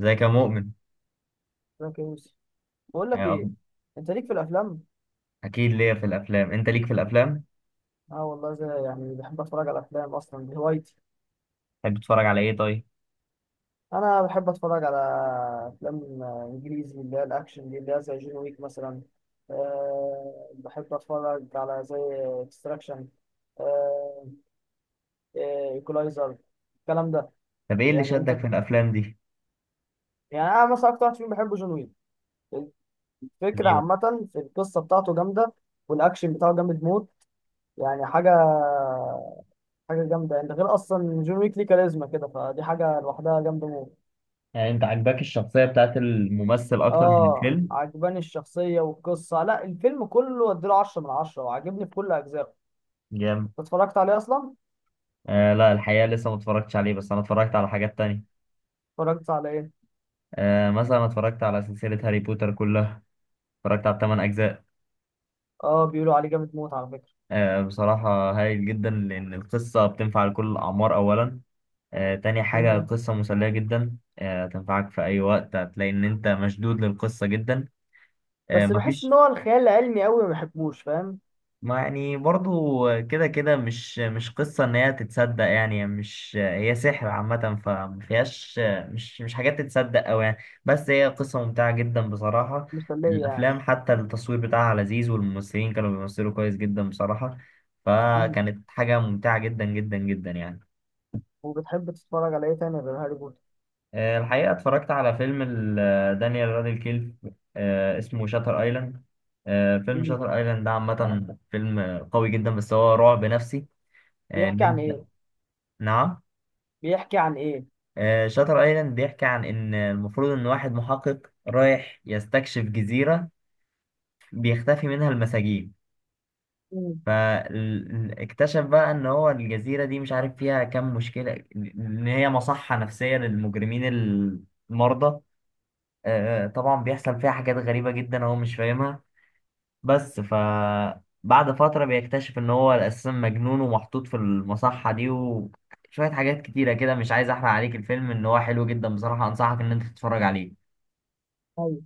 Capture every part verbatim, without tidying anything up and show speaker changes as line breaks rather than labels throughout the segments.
ازيك يا مؤمن؟
ازيك يا يوسف. بقول لك
آه، أخ-
ايه، انت ليك في الافلام؟
اكيد ليا في الافلام، انت ليك في الافلام؟
اه والله، زي يعني بحب اتفرج على افلام، اصلا دي هوايتي.
تحب تتفرج على ايه طيب؟
انا بحب اتفرج على افلام آه، انجليزي اللي هي الاكشن دي، اللي هي زي جون ويك مثلا. أه بحب اتفرج على زي اكستراكشن، ايكولايزر، الكلام ده.
طب ايه اللي
يعني انت،
شدك في الافلام دي؟
يعني انا مثلا اكتر واحد فيهم بحبه جون ويك. الفكره
ليه بقى؟
عامه في القصه بتاعته جامده، والاكشن بتاعه جامد موت. يعني حاجه، حاجه جامده، انت غير اصلا جون ويك ليه كاريزما كده، فدي حاجه لوحدها جامده موت.
يعني انت عاجباك الشخصية بتاعت الممثل اكتر من
اه
الفيلم؟
عجباني الشخصيه والقصه، لا الفيلم كله اديله عشرة من عشرة وعاجبني في كل اجزائه.
جامد.
أنت اتفرجت عليه اصلا؟
آه لا، الحقيقه لسه ما اتفرجتش عليه، بس انا اتفرجت على حاجات تانية.
اتفرجت على ايه؟
آه مثلا اتفرجت على سلسله هاري بوتر كلها، اتفرجت على الثمان اجزاء.
اه بيقولوا عليه جامد موت على فكره.
آه بصراحه هايل جدا، لان القصه بتنفع لكل الاعمار اولا. آه تاني حاجه،
امم
القصه مسليه جدا، آه تنفعك في اي وقت، هتلاقي ان انت مشدود للقصه جدا. آه،
بس بحس ان
مفيش.
هو الخيال العلمي قوي ما بحبوش، فاهم.
ما، يعني برضو، كده كده، مش مش قصة ان هي تتصدق، يعني مش هي سحر عامة فما فيهاش. مش مش حاجات تتصدق اوي، يعني. بس هي قصة ممتعة جدا بصراحة.
مسليه يعني.
الافلام حتى التصوير بتاعها لذيذ، والممثلين كانوا بيمثلوا كويس جدا بصراحة.
امم
فكانت حاجة ممتعة جدا جدا جدا، يعني.
وبتحب تتفرج على ايه تاني غير هاري بوتر؟
آه، الحقيقة اتفرجت على فيلم ال- آه، دانيال راديكليف. آه، اسمه شاتر ايلاند. آه، فيلم
امم
شاتر ايلاند ده عامة فيلم قوي جدا، بس هو رعب نفسي. آه، ان
بيحكي عن
انت.
ايه؟
نعم؟
بيحكي عن ايه؟
آه، شاتر ايلاند بيحكي عن ان المفروض ان واحد محقق رايح يستكشف جزيرة بيختفي منها المساجين. فاكتشف بقى ان هو الجزيرة دي، مش عارف فيها كام مشكلة، ان هي مصحة نفسية للمجرمين المرضى. آه، آه، طبعا بيحصل فيها حاجات غريبة جدا هو مش فاهمها. بس ف بعد فترة بيكتشف إن هو أساسا مجنون ومحطوط في المصحة دي، وشوية حاجات كتيرة كده. مش عايز أحرق عليك الفيلم، إن هو حلو جدا بصراحة، أنصحك إن أنت تتفرج عليه.
امم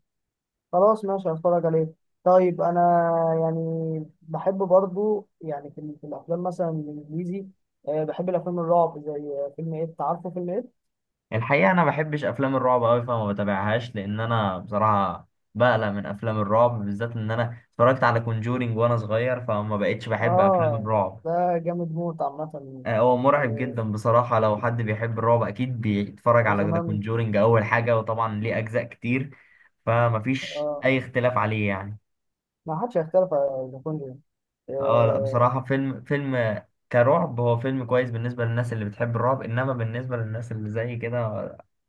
خلاص ماشي، هتفرج عليه. طيب انا يعني بحب برضو يعني في, في الافلام مثلا الانجليزي، آه، بحب الافلام الرعب، زي فيلم ايه، عارفه فيلم ايه؟
الحقيقة أنا بحبش أفلام الرعب أوي، فما بتابعهاش، لأن أنا بصراحة بقلق من أفلام الرعب. بالذات إن أنا اتفرجت على كونجورينج وأنا صغير، فما بقتش بحب أفلام
اه
الرعب.
ده جامد موت عامه.
آه، هو مرعب
يعني
جدا بصراحة، لو حد بيحب الرعب أكيد بيتفرج على ذا
وزمان،
كونجورينج أول حاجة، وطبعا ليه أجزاء كتير. فمفيش
آه
أي اختلاف عليه، يعني.
ما حدش هيختلف على ذا كونجرينج.
اه، لا
آه
بصراحة فيلم فيلم آه، كرعب هو فيلم كويس بالنسبة للناس اللي بتحب الرعب إنما بالنسبة للناس اللي زي كده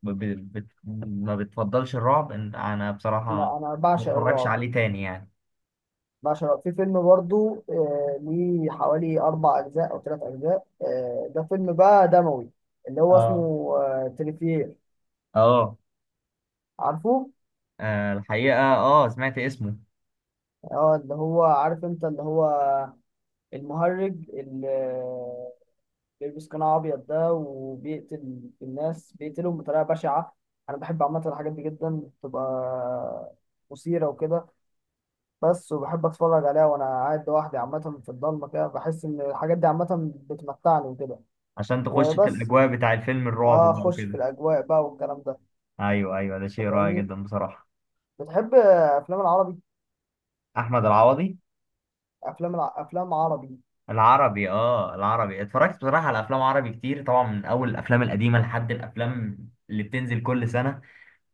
ب- ب- بت- ما بتفضلش الرعب إن- أنا بصراحة
لا انا
ما
بعشق
بتفرجش
الرعب،
عليه تاني يعني
بعشق الرعب. في فيلم برضو آه ليه حوالي اربع اجزاء او ثلاث اجزاء، آه ده فيلم بقى دموي، اللي هو اسمه
اه
آه تريفير،
اه.
عارفه؟
آه، الحقيقة اه سمعت اسمه.
اه اللي هو عارف انت، اللي هو المهرج اللي بيلبس قناع ابيض ده، وبيقتل الناس، بيقتلهم بطريقه بشعه. انا بحب عامه الحاجات دي جدا، بتبقى مثيره وكده. بس وبحب اتفرج عليها وانا قاعد لوحدي عامه في الضلمه كده، بحس ان الحاجات دي عامه بتمتعني وكده.
عشان تخش في
وبس.
الأجواء بتاع الفيلم
اه
الرعب بقى
اخش في
وكده.
الاجواء بقى والكلام ده.
ايوه، ايوه، ده شيء
انت
رائع
فاهمني.
جدا بصراحه.
بتحب افلام العربي؟
احمد العوضي.
افلام الع... افلام عربي.
العربي اه العربي، اتفرجت بصراحه على افلام عربي كتير، طبعا من اول الافلام القديمه لحد الافلام اللي بتنزل كل سنه.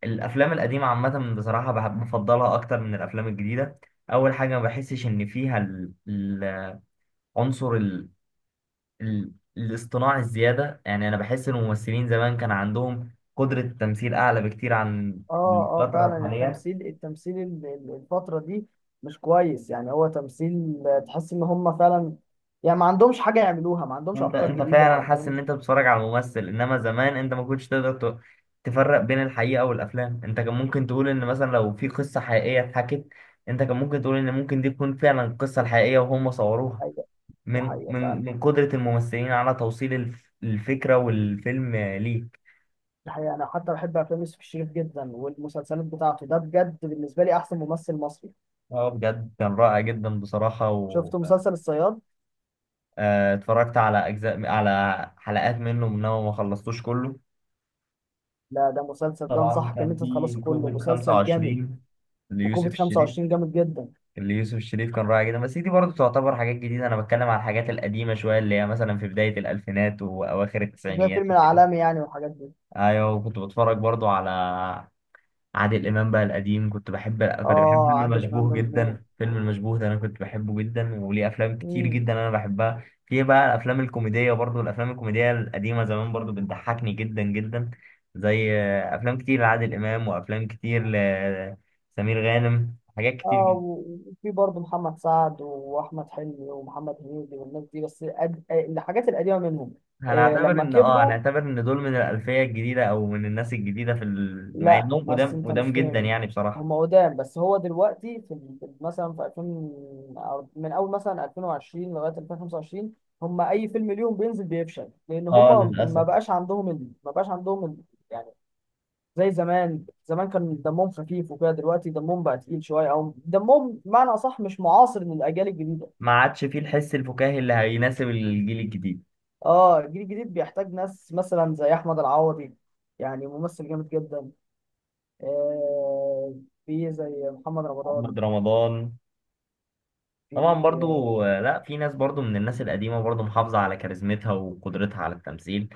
الافلام القديمه عامه، بصراحه بحب بفضلها اكتر من الافلام الجديده. اول حاجه، ما بحسش ان فيها ال- ال- عنصر ال... ال... الاصطناع الزياده، يعني انا بحس ان الممثلين زمان كان عندهم قدره تمثيل اعلى بكتير عن
اه، اه
الفتره
فعلا
الحاليه.
التمثيل، التمثيل ال- ال- الفترة دي مش كويس، يعني هو تمثيل آه، تحس ان هم فعلا، يعني ما عندهمش حاجة يعملوها، ما عندهمش
انت
افكار
انت
جديدة، ما
فعلا حاسس ان
عندهمش
انت بتتفرج على ممثل، انما زمان انت ما كنتش تقدر ت- تفرق بين الحقيقه والافلام. انت كان ممكن تقول ان مثلا لو في قصه حقيقيه اتحكت، انت كان ممكن تقول ان ممكن دي تكون فعلا القصه الحقيقيه وهم صوروها،
حاجة. دي
من
حقيقة
من
فعلا.
من قدره الممثلين على توصيل الف- الفكره والفيلم ليك.
دي حقيقة، انا حتى بحب افلام يوسف الشريف جدا والمسلسلات بتاعته، ده بجد بالنسبة لي احسن ممثل مصري.
اه، بجد كان رائع جدا بصراحه، و
شفت مسلسل الصياد؟
آه، اتفرجت على اجزاء، على حلقات منه، انما ما خلصتوش كله.
لا ده مسلسل، ده
طبعا
انصحك ان
كان
انت تخلصه
في
كله،
كوفيد
مسلسل جامد.
خمسة وعشرين، ليوسف
وكوفيد
الشريف.
خمسة وعشرين جامد جدا،
اللي يوسف الشريف كان رائع جدا، بس دي برضه تعتبر حاجات جديدة، أنا بتكلم على الحاجات القديمة شوية، اللي هي مثلا في بداية الألفينات وأواخر
زي
التسعينيات
فيلم
وكده.
العالمي يعني والحاجات دي.
أيوة، وكنت بتفرج برضه على عادل إمام بقى القديم. كنت بحب كنت بحب
اه
فيلم
عادل امام
المشبوه
جامد موت.
جدا. فيلم المشبوه ده أنا كنت بحبه جدا، وليه أفلام كتير
مم.
جدا أنا بحبها. في بقى الأفلام الكوميدية برضه، الأفلام الكوميدية القديمة زمان برضه بتضحكني جدا جدا، زي آه، أفلام كتير لعادل إمام، وأفلام كتير لسمير غانم، حاجات كتير
اه
جدا.
وفي برضه محمد سعد واحمد حلمي ومحمد هنيدي والناس دي، بس أد... آه، الحاجات القديمه منهم آه
هنعتبر
لما
ان اه
كبروا.
هنعتبر ان دول من الالفيه الجديده، او من الناس الجديده في ال... مع
لا
انهم
بس
قدام
انت مش
قدام جدا،
فاهمني،
يعني بصراحه.
هم قدام، بس هو دلوقتي في ال- في- مثلا في ألفين أو من اول مثلا ألفين وعشرين لغايه ألفين وخمسة وعشرين، هم اي فيلم ليهم بينزل بيفشل، لان هم
اه،
ما
للاسف
بقاش عندهم ال... ما بقاش عندهم ال... يعني زي زمان، زمان كان دمهم خفيف وكده، دلوقتي دمهم بقى تقيل شويه، او دمهم بمعنى اصح مش معاصر للاجيال الجديده.
ما عادش فيه الحس الفكاهي اللي هيناسب الجيل الجديد.
اه الجيل الجديد بيحتاج ناس مثلا زي احمد العوضي، يعني ممثل جامد جدا، آه في زي محمد
محمد
رمضان.
رمضان. طبعا
في.
برضو، آه، لا، في ناس برضو من الناس القديمة برضو محافظة على كاريزمتها وقدرتها على التمثيل.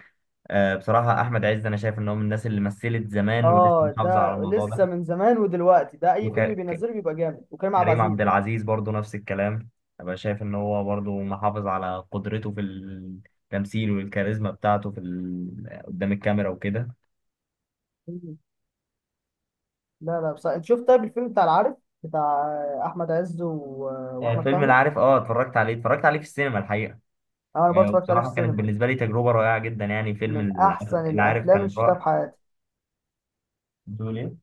آه، بصراحة أحمد عز، أنا شايف إن هو من الناس اللي مثلت زمان ولسه
اه
محافظة على
ده
الموضوع
لسه من زمان ودلوقتي، ده اي فيلم
ده.
بينزله بيبقى جامد، وكريم عبد
كريم عبد
العزيز.
العزيز برضو نفس الكلام. أبقى شايف إن هو برضو محافظ على قدرته في التمثيل، والكاريزما بتاعته في ال... قدام الكاميرا وكده.
مم. لا لا بس انت شفت طيب الفيلم بتاع العارف، بتاع احمد عز و...
آه،
واحمد
فيلم
فهمي.
العارف، اه اتفرجت عليه اتفرجت عليه في السينما الحقيقة.
انا برضه
آه،
اتفرجت عليه في
وبصراحة كانت
السينما،
بالنسبة لي تجربة رائعة جدا، يعني فيلم
من
العارف،
احسن
العارف
الافلام اللي
كان
شفتها في
رائع.
حياتي.
بتقول إيه؟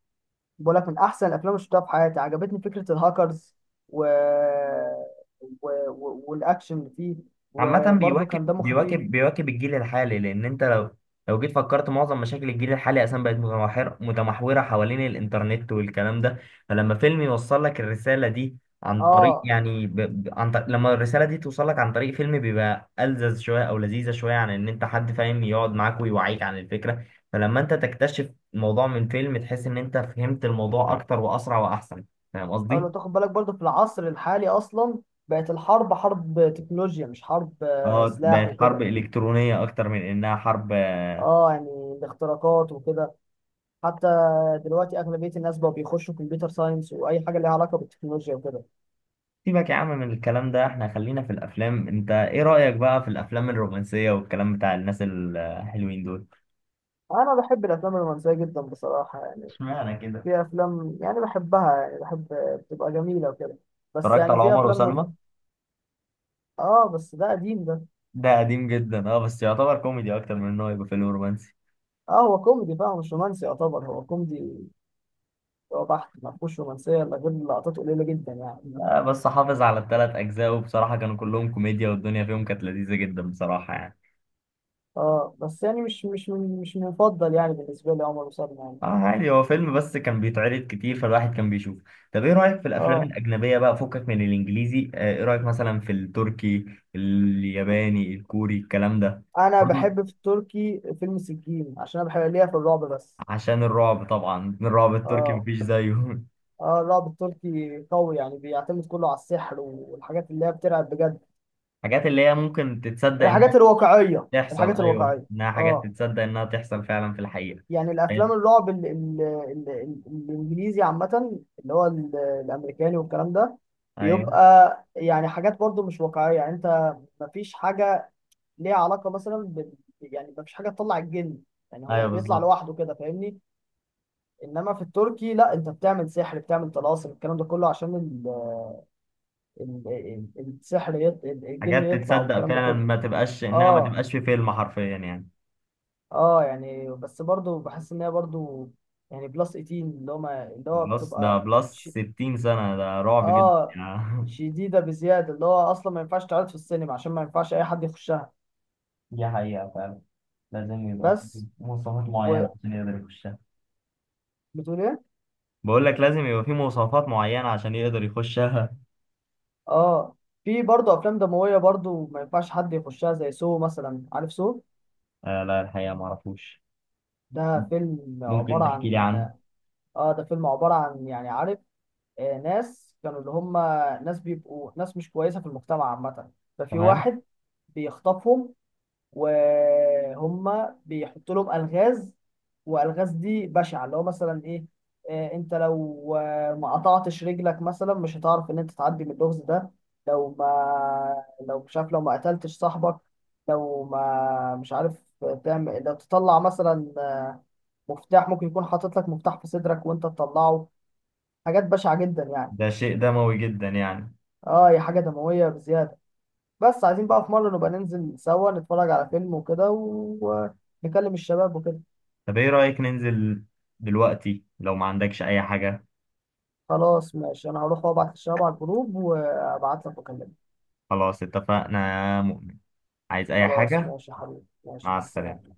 بقول لك من احسن الافلام اللي شفتها في حياتي، عجبتني فكره الهاكرز و... و... و... والاكشن اللي فيه،
عامة
وبرضه
بيواكب
كان دمه خفيف.
بيواكب بيواكب الجيل الحالي، لأن أنت لو لو جيت فكرت، معظم مشاكل الجيل الحالي أساسا بقت متمحور متمحورة حوالين الإنترنت والكلام ده. فلما فيلم يوصل لك الرسالة دي، عن طريق
اه.
يعني ب... ب- عن طريق... لما الرسالة دي توصل لك عن طريق فيلم، بيبقى ألذذ شوية، أو لذيذة شوية، عن إن أنت حد فاهم يقعد معاك ويوعيك عن الفكرة. فلما أنت تكتشف الموضوع من فيلم، تحس إن أنت فهمت الموضوع أكتر وأسرع وأحسن. فاهم
اه لو
قصدي؟
تاخد بالك برضه في العصر الحالي اصلا بقت الحرب حرب تكنولوجيا، مش حرب آه،
اه،
سلاح
بقت حرب
وكده.
إلكترونية أكتر من إنها حرب.
اه يعني الاختراقات وكده، حتى دلوقتي اغلبيه الناس بقوا بيخشوا كمبيوتر ساينس واي حاجه ليها علاقه بالتكنولوجيا وكده.
سيبك يا عم من الكلام ده، احنا خلينا في الافلام. انت ايه رأيك بقى في الافلام الرومانسية والكلام بتاع الناس الحلوين دول؟
انا بحب الافلام الرومانسيه جدا بصراحه، يعني
اشمعنى كده؟
في افلام يعني بحبها، يعني بحب بتبقى جميله وكده، بس
اتفرجت
يعني
على
في
عمر
افلام ما.
وسلمى؟
اه بس ده قديم ده.
ده قديم جدا، اه، بس يعتبر كوميدي اكتر من انه يبقى فيلم رومانسي.
اه هو كوميدي فاهم، مش رومانسي، يعتبر هو كوميدي، هو بحت ما فيهوش رومانسيه الا غير لقطات قليله جدا يعني.
لا، بس حافظ على الثلاث اجزاء، وبصراحة كانوا كلهم كوميديا، والدنيا فيهم كانت لذيذة جدا بصراحة، يعني.
اه بس يعني مش مش من- مش مفضل يعني بالنسبه لي عمر وسلمى، يعني
اه،
فاهم.
عادي، هو فيلم بس كان بيتعرض كتير، فالواحد كان بيشوف. طب ايه رأيك في الافلام
اه
الاجنبية بقى؟ فكك من الانجليزي، اه، ايه رأيك مثلا في التركي، الياباني، الكوري، الكلام ده؟
انا
برضه.
بحب في التركي فيلم سجين، عشان انا بحب ليا في الرعب بس.
عشان الرعب، طبعا الرعب التركي
اه،
مفيش زيه.
اه الرعب التركي قوي، يعني بيعتمد كله على السحر والحاجات اللي هي بترعب بجد.
حاجات اللي هي ممكن تتصدق انها
الحاجات الواقعيه،
تحصل،
الحاجات
ايوه،
الواقعيه.
انها حاجات
اه
تتصدق انها تحصل فعلا في الحقيقة.
يعني الافلام
طيب.
الرعب ال ال ال ال الانجليزي عامه اللي هو ال- الامريكاني والكلام ده،
ايوه،
بيبقى يعني حاجات برضو مش واقعيه، يعني انت مفيش حاجه ليها علاقه مثلا بال، يعني مفيش حاجه تطلع الجن، يعني هو
ايوه،
بيطلع
بالظبط.
لوحده كده، فاهمني. انما في التركي لا، انت بتعمل سحر، بتعمل طلاسم، الكلام ده كله عشان ال ال ال السحر يط الجن
حاجات
يطلع،
تتصدق
والكلام ده
فعلا،
كله.
ما تبقاش انها ما
اه،
تبقاش في فيلم حرفيا، يعني.
اه يعني بس برضو بحس ان هي برضو يعني بلس تمنتاشر، اللي هو ما- اللي هو
بلس ده
بتبقى
بلس
ش-
ستين سنة، ده رعب جدا،
اه
يعني.
شديدة بزيادة، اللي هو أصلا ما ينفعش تعرض في السينما، عشان ما ينفعش أي حد يخشها.
دي حقيقة فعلا. لازم يبقى في
بس
مواصفات معينة
وبتقول
عشان يقدر يخشها.
إيه؟
بقول لك لازم يبقى في مواصفات معينة عشان يقدر يخشها.
اه في برضه أفلام دموية برضه ما ينفعش حد يخشها، زي سو مثلا، عارف سو؟
آه لا، الحقيقة ما اعرفوش.
ده فيلم
ممكن
عبارة
تحكي لي
عن،
عنه؟
اه ده فيلم عبارة عن يعني عارف، آه ناس كانوا اللي هم، ناس بيبقوا ناس مش كويسة في المجتمع عامة، ففي
تمام.
واحد بيخطفهم، وهم بيحطوا لهم الغاز، والغاز دي بشعه، اللي هو مثلا ايه، آه، انت لو آه، ما قطعتش رجلك مثلا مش هتعرف ان انت تعدي من اللغز ده، لو ما، لو مش عارف، لو ما قتلتش صاحبك، لو ما مش عارف تعمل، لو تطلع مثلا آه، مفتاح، ممكن يكون حاطط لك مفتاح في صدرك وانت تطلعه، حاجات بشعه جدا يعني.
ده شيء دموي جدا، يعني.
اه هي حاجه دمويه بزياده، بس عايزين بقى في مره نبقى ننزل سوا نتفرج على فيلم وكده و... آه، نكلم الشباب وكده.
طب ايه رأيك ننزل دلوقتي، لو ما عندكش اي حاجة؟
خلاص ماشي، انا هروح وابعت الشباب على الجروب وابعت لك واكلمك.
خلاص، اتفقنا، يا مؤمن، عايز اي
خلاص
حاجة؟
ماشي يا حبيبي، ماشي،
مع
مع السلامة.
السلامة.